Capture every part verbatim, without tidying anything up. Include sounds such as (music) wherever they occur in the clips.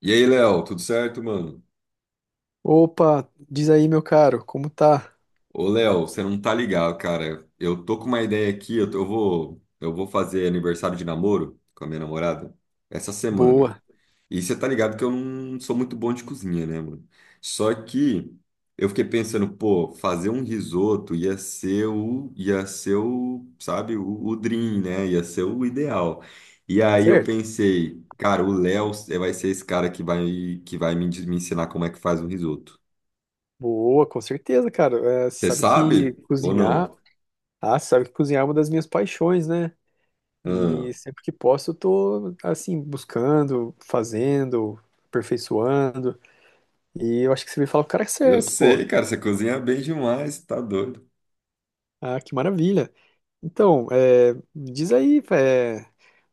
E aí, Léo, tudo certo, mano? Opa, diz aí, meu caro, como tá? Ô, Léo, você não tá ligado, cara. Eu tô com uma ideia aqui, eu, tô- eu vou, eu vou fazer aniversário de namoro com a minha namorada essa semana. Boa, E você tá ligado que eu não sou muito bom de cozinha, né, mano? Só que eu fiquei pensando, pô, fazer um risoto ia ser o, ia ser o, sabe, o, o dream, né? Ia ser o ideal. E aí eu certo? pensei, cara, o Léo vai ser esse cara que vai, que vai me, me ensinar como é que faz um risoto. Boa, com certeza, cara. É, você Você sabe que sabe ou cozinhar, não? ah, você sabe que cozinhar é uma das minhas paixões, né? Ah, E sempre que posso, eu tô, assim, buscando, fazendo, aperfeiçoando. E eu acho que você veio falar com o cara é eu certo, pô. sei, cara, você cozinha bem demais, tá doido. Ah, que maravilha. Então, é, diz aí, é,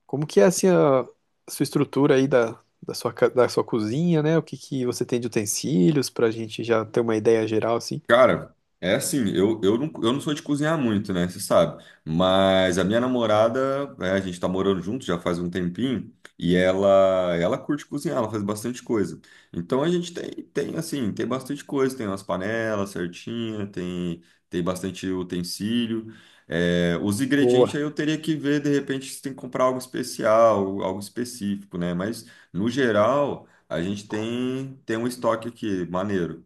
como que é assim a a sua estrutura aí da, da sua, ca- da sua cozinha, né? O que que você tem de utensílios pra gente já ter uma ideia geral assim? Cara, é assim, eu, eu, não, eu não sou de cozinhar muito, né? Você sabe. Mas a minha namorada, é, a gente tá morando junto já faz um tempinho, e ela ela curte cozinhar, ela faz bastante coisa. Então a gente tem, tem assim, tem bastante coisa, tem umas panelas certinha, tem, tem bastante utensílio. É, os ingredientes Boa. aí eu teria que ver, de repente, se tem que comprar algo especial, algo específico, né? Mas, no geral, a gente tem, tem um estoque aqui, maneiro.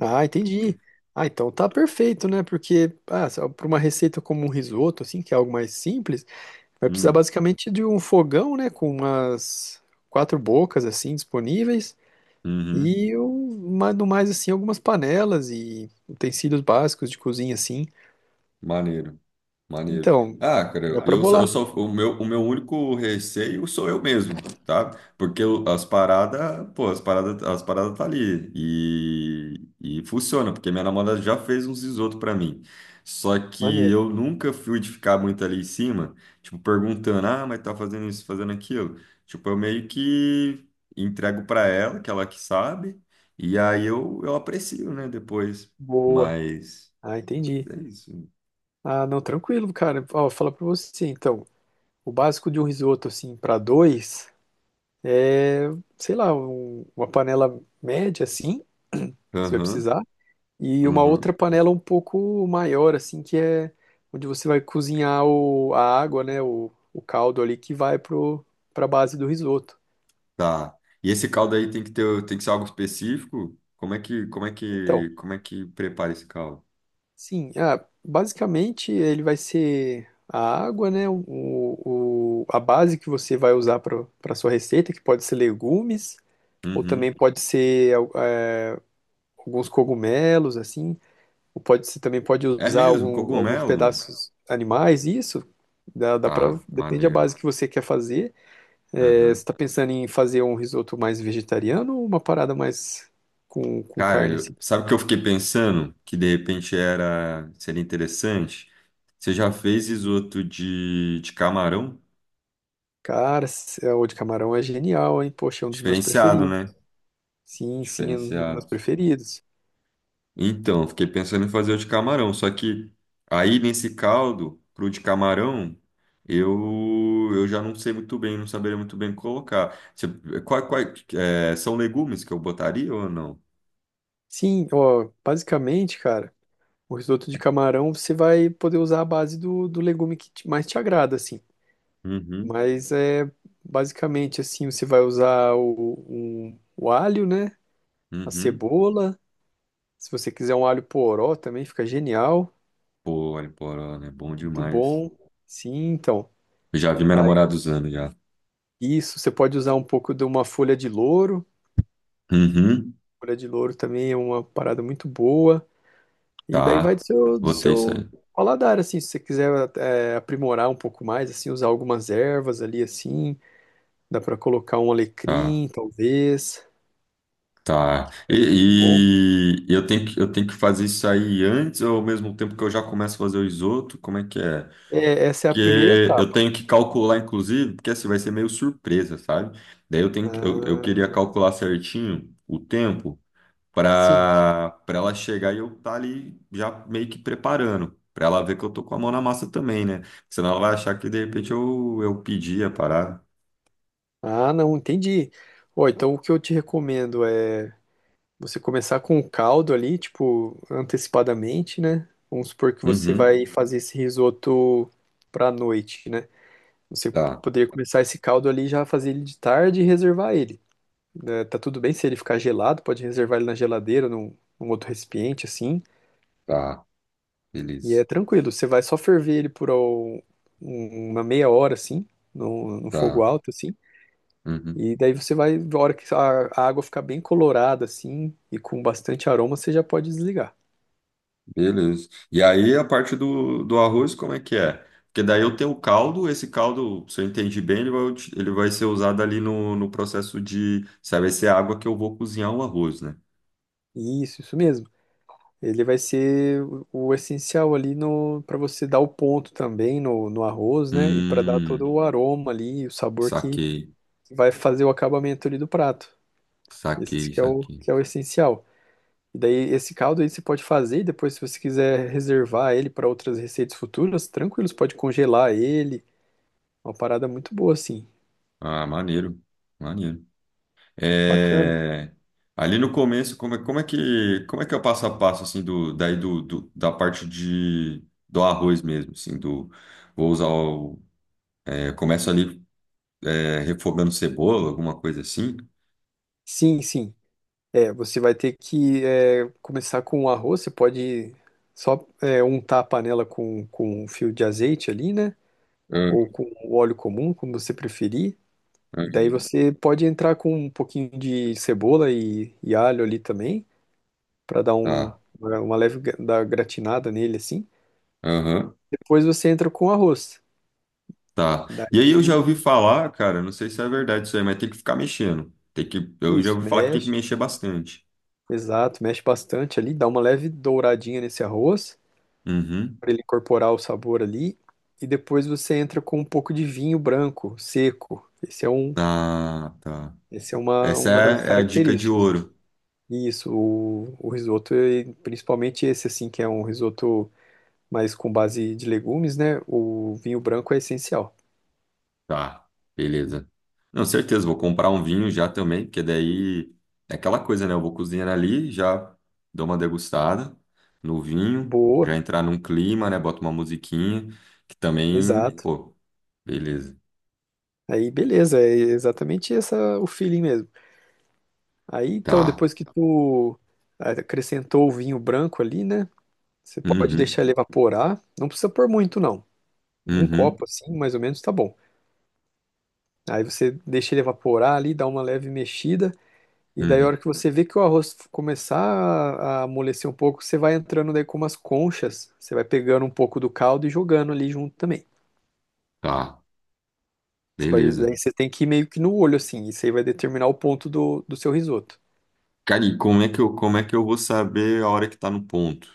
Ah, entendi. Ah, então tá perfeito, né? Porque ah, para uma receita como um risoto assim, que é algo mais simples, vai precisar Hum, basicamente de um fogão, né, com umas quatro bocas assim disponíveis uhum. e um, mais- no mais assim algumas panelas e utensílios básicos de cozinha assim. Maneiro, maneiro. Então, Ah, cara, dá eu, pra eu só, eu bolar. só- o meu, o meu único receio sou eu mesmo, tá? Porque eu- as paradas, pô, as paradas, as paradas tá ali e, e funciona, porque minha namorada já fez uns risoto pra mim. Só que Maneiro. eu nunca fui de ficar muito ali em cima, tipo, perguntando, ah, mas tá fazendo isso, fazendo aquilo. Tipo, eu meio que entrego pra ela, que ela que sabe, e aí eu, eu aprecio, né, depois. Boa. Mas Ah, entendi. é isso. Ah, não, tranquilo, cara. Ó, vou falar pra você, então. O básico de um risoto, assim, pra dois é, sei lá, um- uma panela média, assim, (clears throat) você vai Aham. precisar. E uma Uhum, outra panela um pouco maior, assim, que é onde você vai cozinhar o, a água, né? O, o caldo ali que vai pro, pra base do risoto. tá. E esse caldo aí tem que ter, tem que ser algo específico? Como é que, como é Então, que, como é que prepara esse caldo? sim, ah, basicamente ele vai ser a água, né? O, o, a base que você vai usar para para sua receita, que pode ser legumes. Ou também Uhum. pode ser é, alguns cogumelos, assim, ou pode ser, também pode É usar mesmo, algum- alguns cogumelo, mano. pedaços animais, isso. Dá, dá pra, Tá, depende da maneiro. base que você quer fazer. É, você Uhum. está pensando em fazer um risoto mais vegetariano ou uma parada mais com, com Cara, carne, assim? eu- sabe o que eu fiquei pensando? Que de repente era, seria interessante. Você já fez risoto de, de camarão? Cara, se- é, o de camarão é genial, hein? Poxa, é um dos meus Diferenciado, preferidos. né? Sim, sim, é um dos meus Diferenciado. preferidos. Então, fiquei pensando em fazer o de camarão, só que aí nesse caldo, pro de camarão, eu, eu já não sei muito bem, não saberia muito bem colocar. Você, qual, qual, é, são legumes que eu botaria ou não? Sim, ó, basicamente, cara, o risoto de camarão você vai poder usar a base do, do legume que te- mais te agrada, assim. Uhum, Mas é basicamente assim, você vai usar o, um- o alho, né? A uhum. cebola. Se você quiser um alho poró também fica genial, Pô, olha, poró, né? Bom muito demais. bom. Sim, então. Eu já vi minha Aí namorada usando já. isso, você pode usar um pouco de uma folha de louro. Uhum, Folha de louro também é uma parada muito boa. E daí vai do tá. seu, do Botei isso seu aí. paladar, assim, se você quiser é, aprimorar um pouco mais, assim, usar algumas ervas ali, assim, dá para colocar um Tá, alecrim, talvez, tá. ficaria muito bom. E, e eu tenho que, eu tenho que fazer isso aí antes ou ao mesmo tempo que eu já começo a fazer o risoto? Como é que é? É, essa é a primeira Porque eu etapa. tenho que calcular, inclusive, porque assim vai ser meio surpresa, sabe? Daí eu tenho que, eu, eu queria Ah, calcular certinho o tempo sim. para para ela chegar e eu estar ali já meio que preparando, para ela ver que eu tô com a mão na massa também, né? Senão ela vai achar que de repente eu, eu pedi a parada. Ah, não, entendi. Ó, então o que eu te recomendo é você começar com o caldo ali, tipo, antecipadamente, né? Vamos supor que você Uhum, vai fazer esse risoto pra noite, né? Você tá, poderia começar esse caldo ali, já fazer ele de tarde e reservar ele. Né? Tá tudo bem se ele ficar gelado, pode reservar ele na geladeira, num, num outro recipiente, assim. tá, E beleza, é tranquilo, você vai só ferver ele por ó, um- uma meia hora, assim, no, no fogo tá. alto, assim. uhum. E daí você vai, na hora que a a água ficar bem colorada assim e com bastante aroma, você já pode desligar. Beleza. E aí a parte do, do arroz, como é que é? Porque daí eu tenho o caldo, esse caldo, se eu entendi bem, ele vai, ut- ele vai ser usado ali no, no processo de, sabe, vai ser a água que eu vou cozinhar o arroz, né? Isso, isso mesmo. Ele vai ser o o essencial ali no para você dar o ponto também no, no arroz, né? E para dar todo Hum, o aroma ali, e o sabor que saquei, vai fazer o acabamento ali do prato. Esse saquei, que é o saquei. que é o essencial. E daí esse caldo aí você pode fazer e depois se você quiser reservar ele para outras receitas futuras, tranquilo, você pode congelar ele. Uma parada muito boa assim. Ah, maneiro, maneiro. Bacana. É, ali no começo, como é, como é que, como é que é o passo a passo, assim, do, daí do, do- da parte de, do arroz mesmo, assim, do, vou usar o, é, começo ali é, refogando cebola, alguma coisa assim. Sim, sim. É, você vai ter que é, começar com o arroz, você pode só é, untar a panela com, com um fio de azeite ali, né? Ah, Ou com óleo comum, como você preferir. E ah, daí você pode entrar com um pouquinho de cebola e, e alho ali também, para dar um, tá. uma uma leve gra- dar gratinada nele assim. Aham, Depois você entra com o arroz. tá. E aí eu já Daí, ouvi falar, cara, não sei se é verdade isso aí, mas tem que ficar mexendo. Tem que, eu já isso, ouvi falar que tem que mexe, mexer bastante. exato, mexe bastante ali, dá uma leve douradinha nesse arroz, Uhum. para ele incorporar o sabor ali. E depois você entra com um pouco de vinho branco, seco. Esse é um, Ah, tá. esse é uma, Essa uma das é, é a dica de características. ouro. E isso, o, o risoto, e principalmente esse assim, que é um risoto mais com base de legumes, né? O vinho branco é essencial. Tá, beleza. Não, certeza, vou comprar um vinho já também, porque daí é aquela coisa, né? Eu vou cozinhar ali, já dou uma degustada no vinho, já Boa, entrar num clima, né? Boto uma musiquinha, que também, exato. pô, beleza. Aí beleza, é exatamente essa o feeling mesmo. Aí então, Tá. depois que tu acrescentou o vinho branco ali, né? Você pode deixar Uhum, ele evaporar. Não precisa pôr muito, não. Um uhum, copo assim, mais ou menos, tá bom. Aí você deixa ele evaporar ali, dá uma leve mexida, e daí a uhum. hora que você vê que o arroz começar a a amolecer um pouco, você vai entrando daí com umas conchas, você vai pegando um pouco do caldo e jogando ali junto também. Tá, Você vai, beleza. daí você tem que ir meio que no olho assim, isso aí vai determinar o ponto do, do seu risoto. Cara, e como é que eu, como é que eu vou saber a hora que tá no ponto?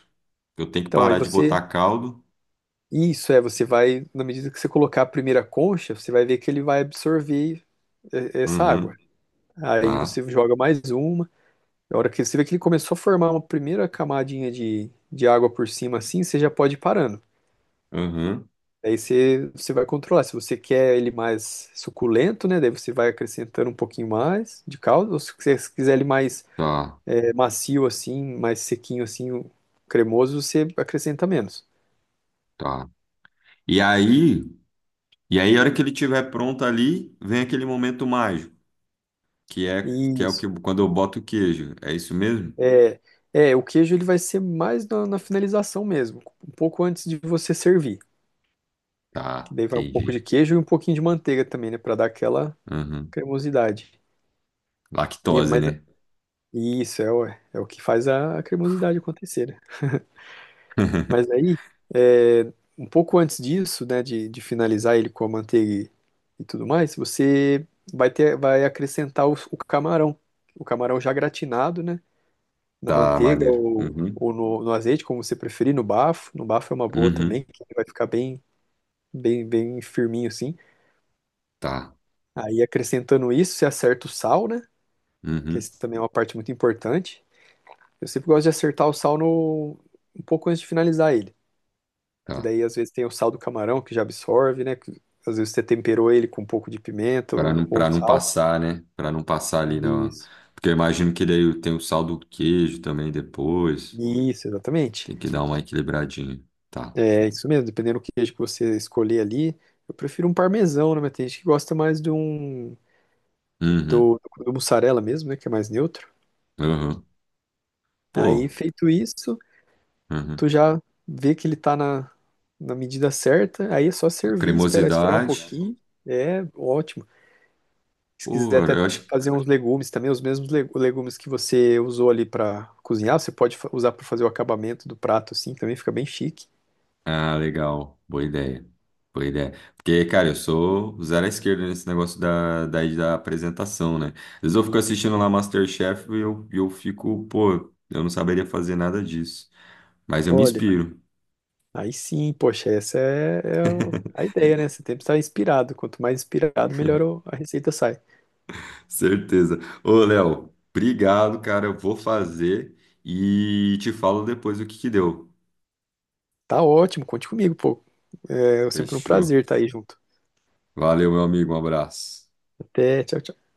Eu tenho que Então aí parar de você, botar caldo? isso é, você vai, na medida que você colocar a primeira concha, você vai ver que ele vai absorver eh, essa água. Uhum, Aí tá. você joga mais uma. A hora que você vê que ele começou a formar uma primeira camadinha de, de água por cima assim, você já pode ir parando. Uhum, Daí você, você vai controlar. Se você quer ele mais suculento, né? Daí você vai acrescentando um pouquinho mais de caldo. Ou se você quiser ele mais tá, é, macio assim, mais sequinho assim, cremoso, você acrescenta menos. tá. E aí. E aí, a hora que ele estiver pronto ali, vem aquele momento mágico, que é que é o Isso. que quando eu boto o queijo. É isso mesmo? É, é, o queijo ele vai ser mais na, na finalização mesmo, um pouco antes de você servir. Que Tá, daí vai um pouco de entendi. queijo e um pouquinho de manteiga também, né? Para dar aquela Uhum. cremosidade. E, Lactose, mas né? isso é o, é o que faz a, a cremosidade acontecer, né? Mas (laughs) aí, é, um pouco antes disso, né, de, de finalizar ele com a manteiga e, e tudo mais, você vai ter, vai acrescentar o, o camarão. O camarão já gratinado, né, na Tá, manteiga maneiro. ou, Uhum. ou no, no azeite, como você preferir, no bafo. No bafo é uma boa também, Uhum. que vai ficar bem, bem, bem firminho assim. Tá. Aí, acrescentando isso, você acerta o sal, né, que Uhum. esse também é uma parte muito importante. Eu sempre gosto de acertar o sal no, um pouco antes de finalizar ele. Que Tá. daí às vezes tem o sal do camarão que já absorve, né? Que às vezes você temperou ele com um pouco de pimenta Para não, ou, ou para não sal. passar, né? Para não passar ali na. Isso, Porque eu imagino que daí tem o sal do queijo também depois. isso, exatamente. Tem que dar uma equilibradinha. Tá. É isso mesmo, dependendo do queijo que você escolher ali. Eu prefiro um parmesão, né? Mas tem gente que gosta mais de um Uhum. do, do mussarela mesmo, né? Que é mais neutro. Uhum. Pô. Aí, feito isso, Uhum. tu já vê que ele tá na, na medida certa. Aí é só A servir, esperar esfriar um cremosidade. pouquinho. É ótimo. Se quiser Pô, até eu acho fazer uns legumes também, os mesmos legu- legumes que você usou ali para cozinhar, você pode fa- usar para fazer o acabamento do prato, assim, também fica bem chique. Ah, legal. Boa ideia. Boa ideia. Porque, cara, eu sou zero à esquerda nesse negócio da, da, da apresentação, né? Às vezes eu fico assistindo lá MasterChef e eu, eu fico, pô, eu não saberia fazer nada disso. Mas eu me Olha, inspiro, aí sim, poxa, essa é, é o- a ideia, né? Você tem que estar inspirado. Quanto mais inspirado, melhor o- a receita sai. (laughs) certeza. Ô, Léo, obrigado, cara. Eu vou fazer e te falo depois o que que deu. Tá ótimo, conte comigo, pô. É sempre um prazer Fechou. estar aí junto. Valeu, meu amigo. Um abraço. Até, tchau, tchau.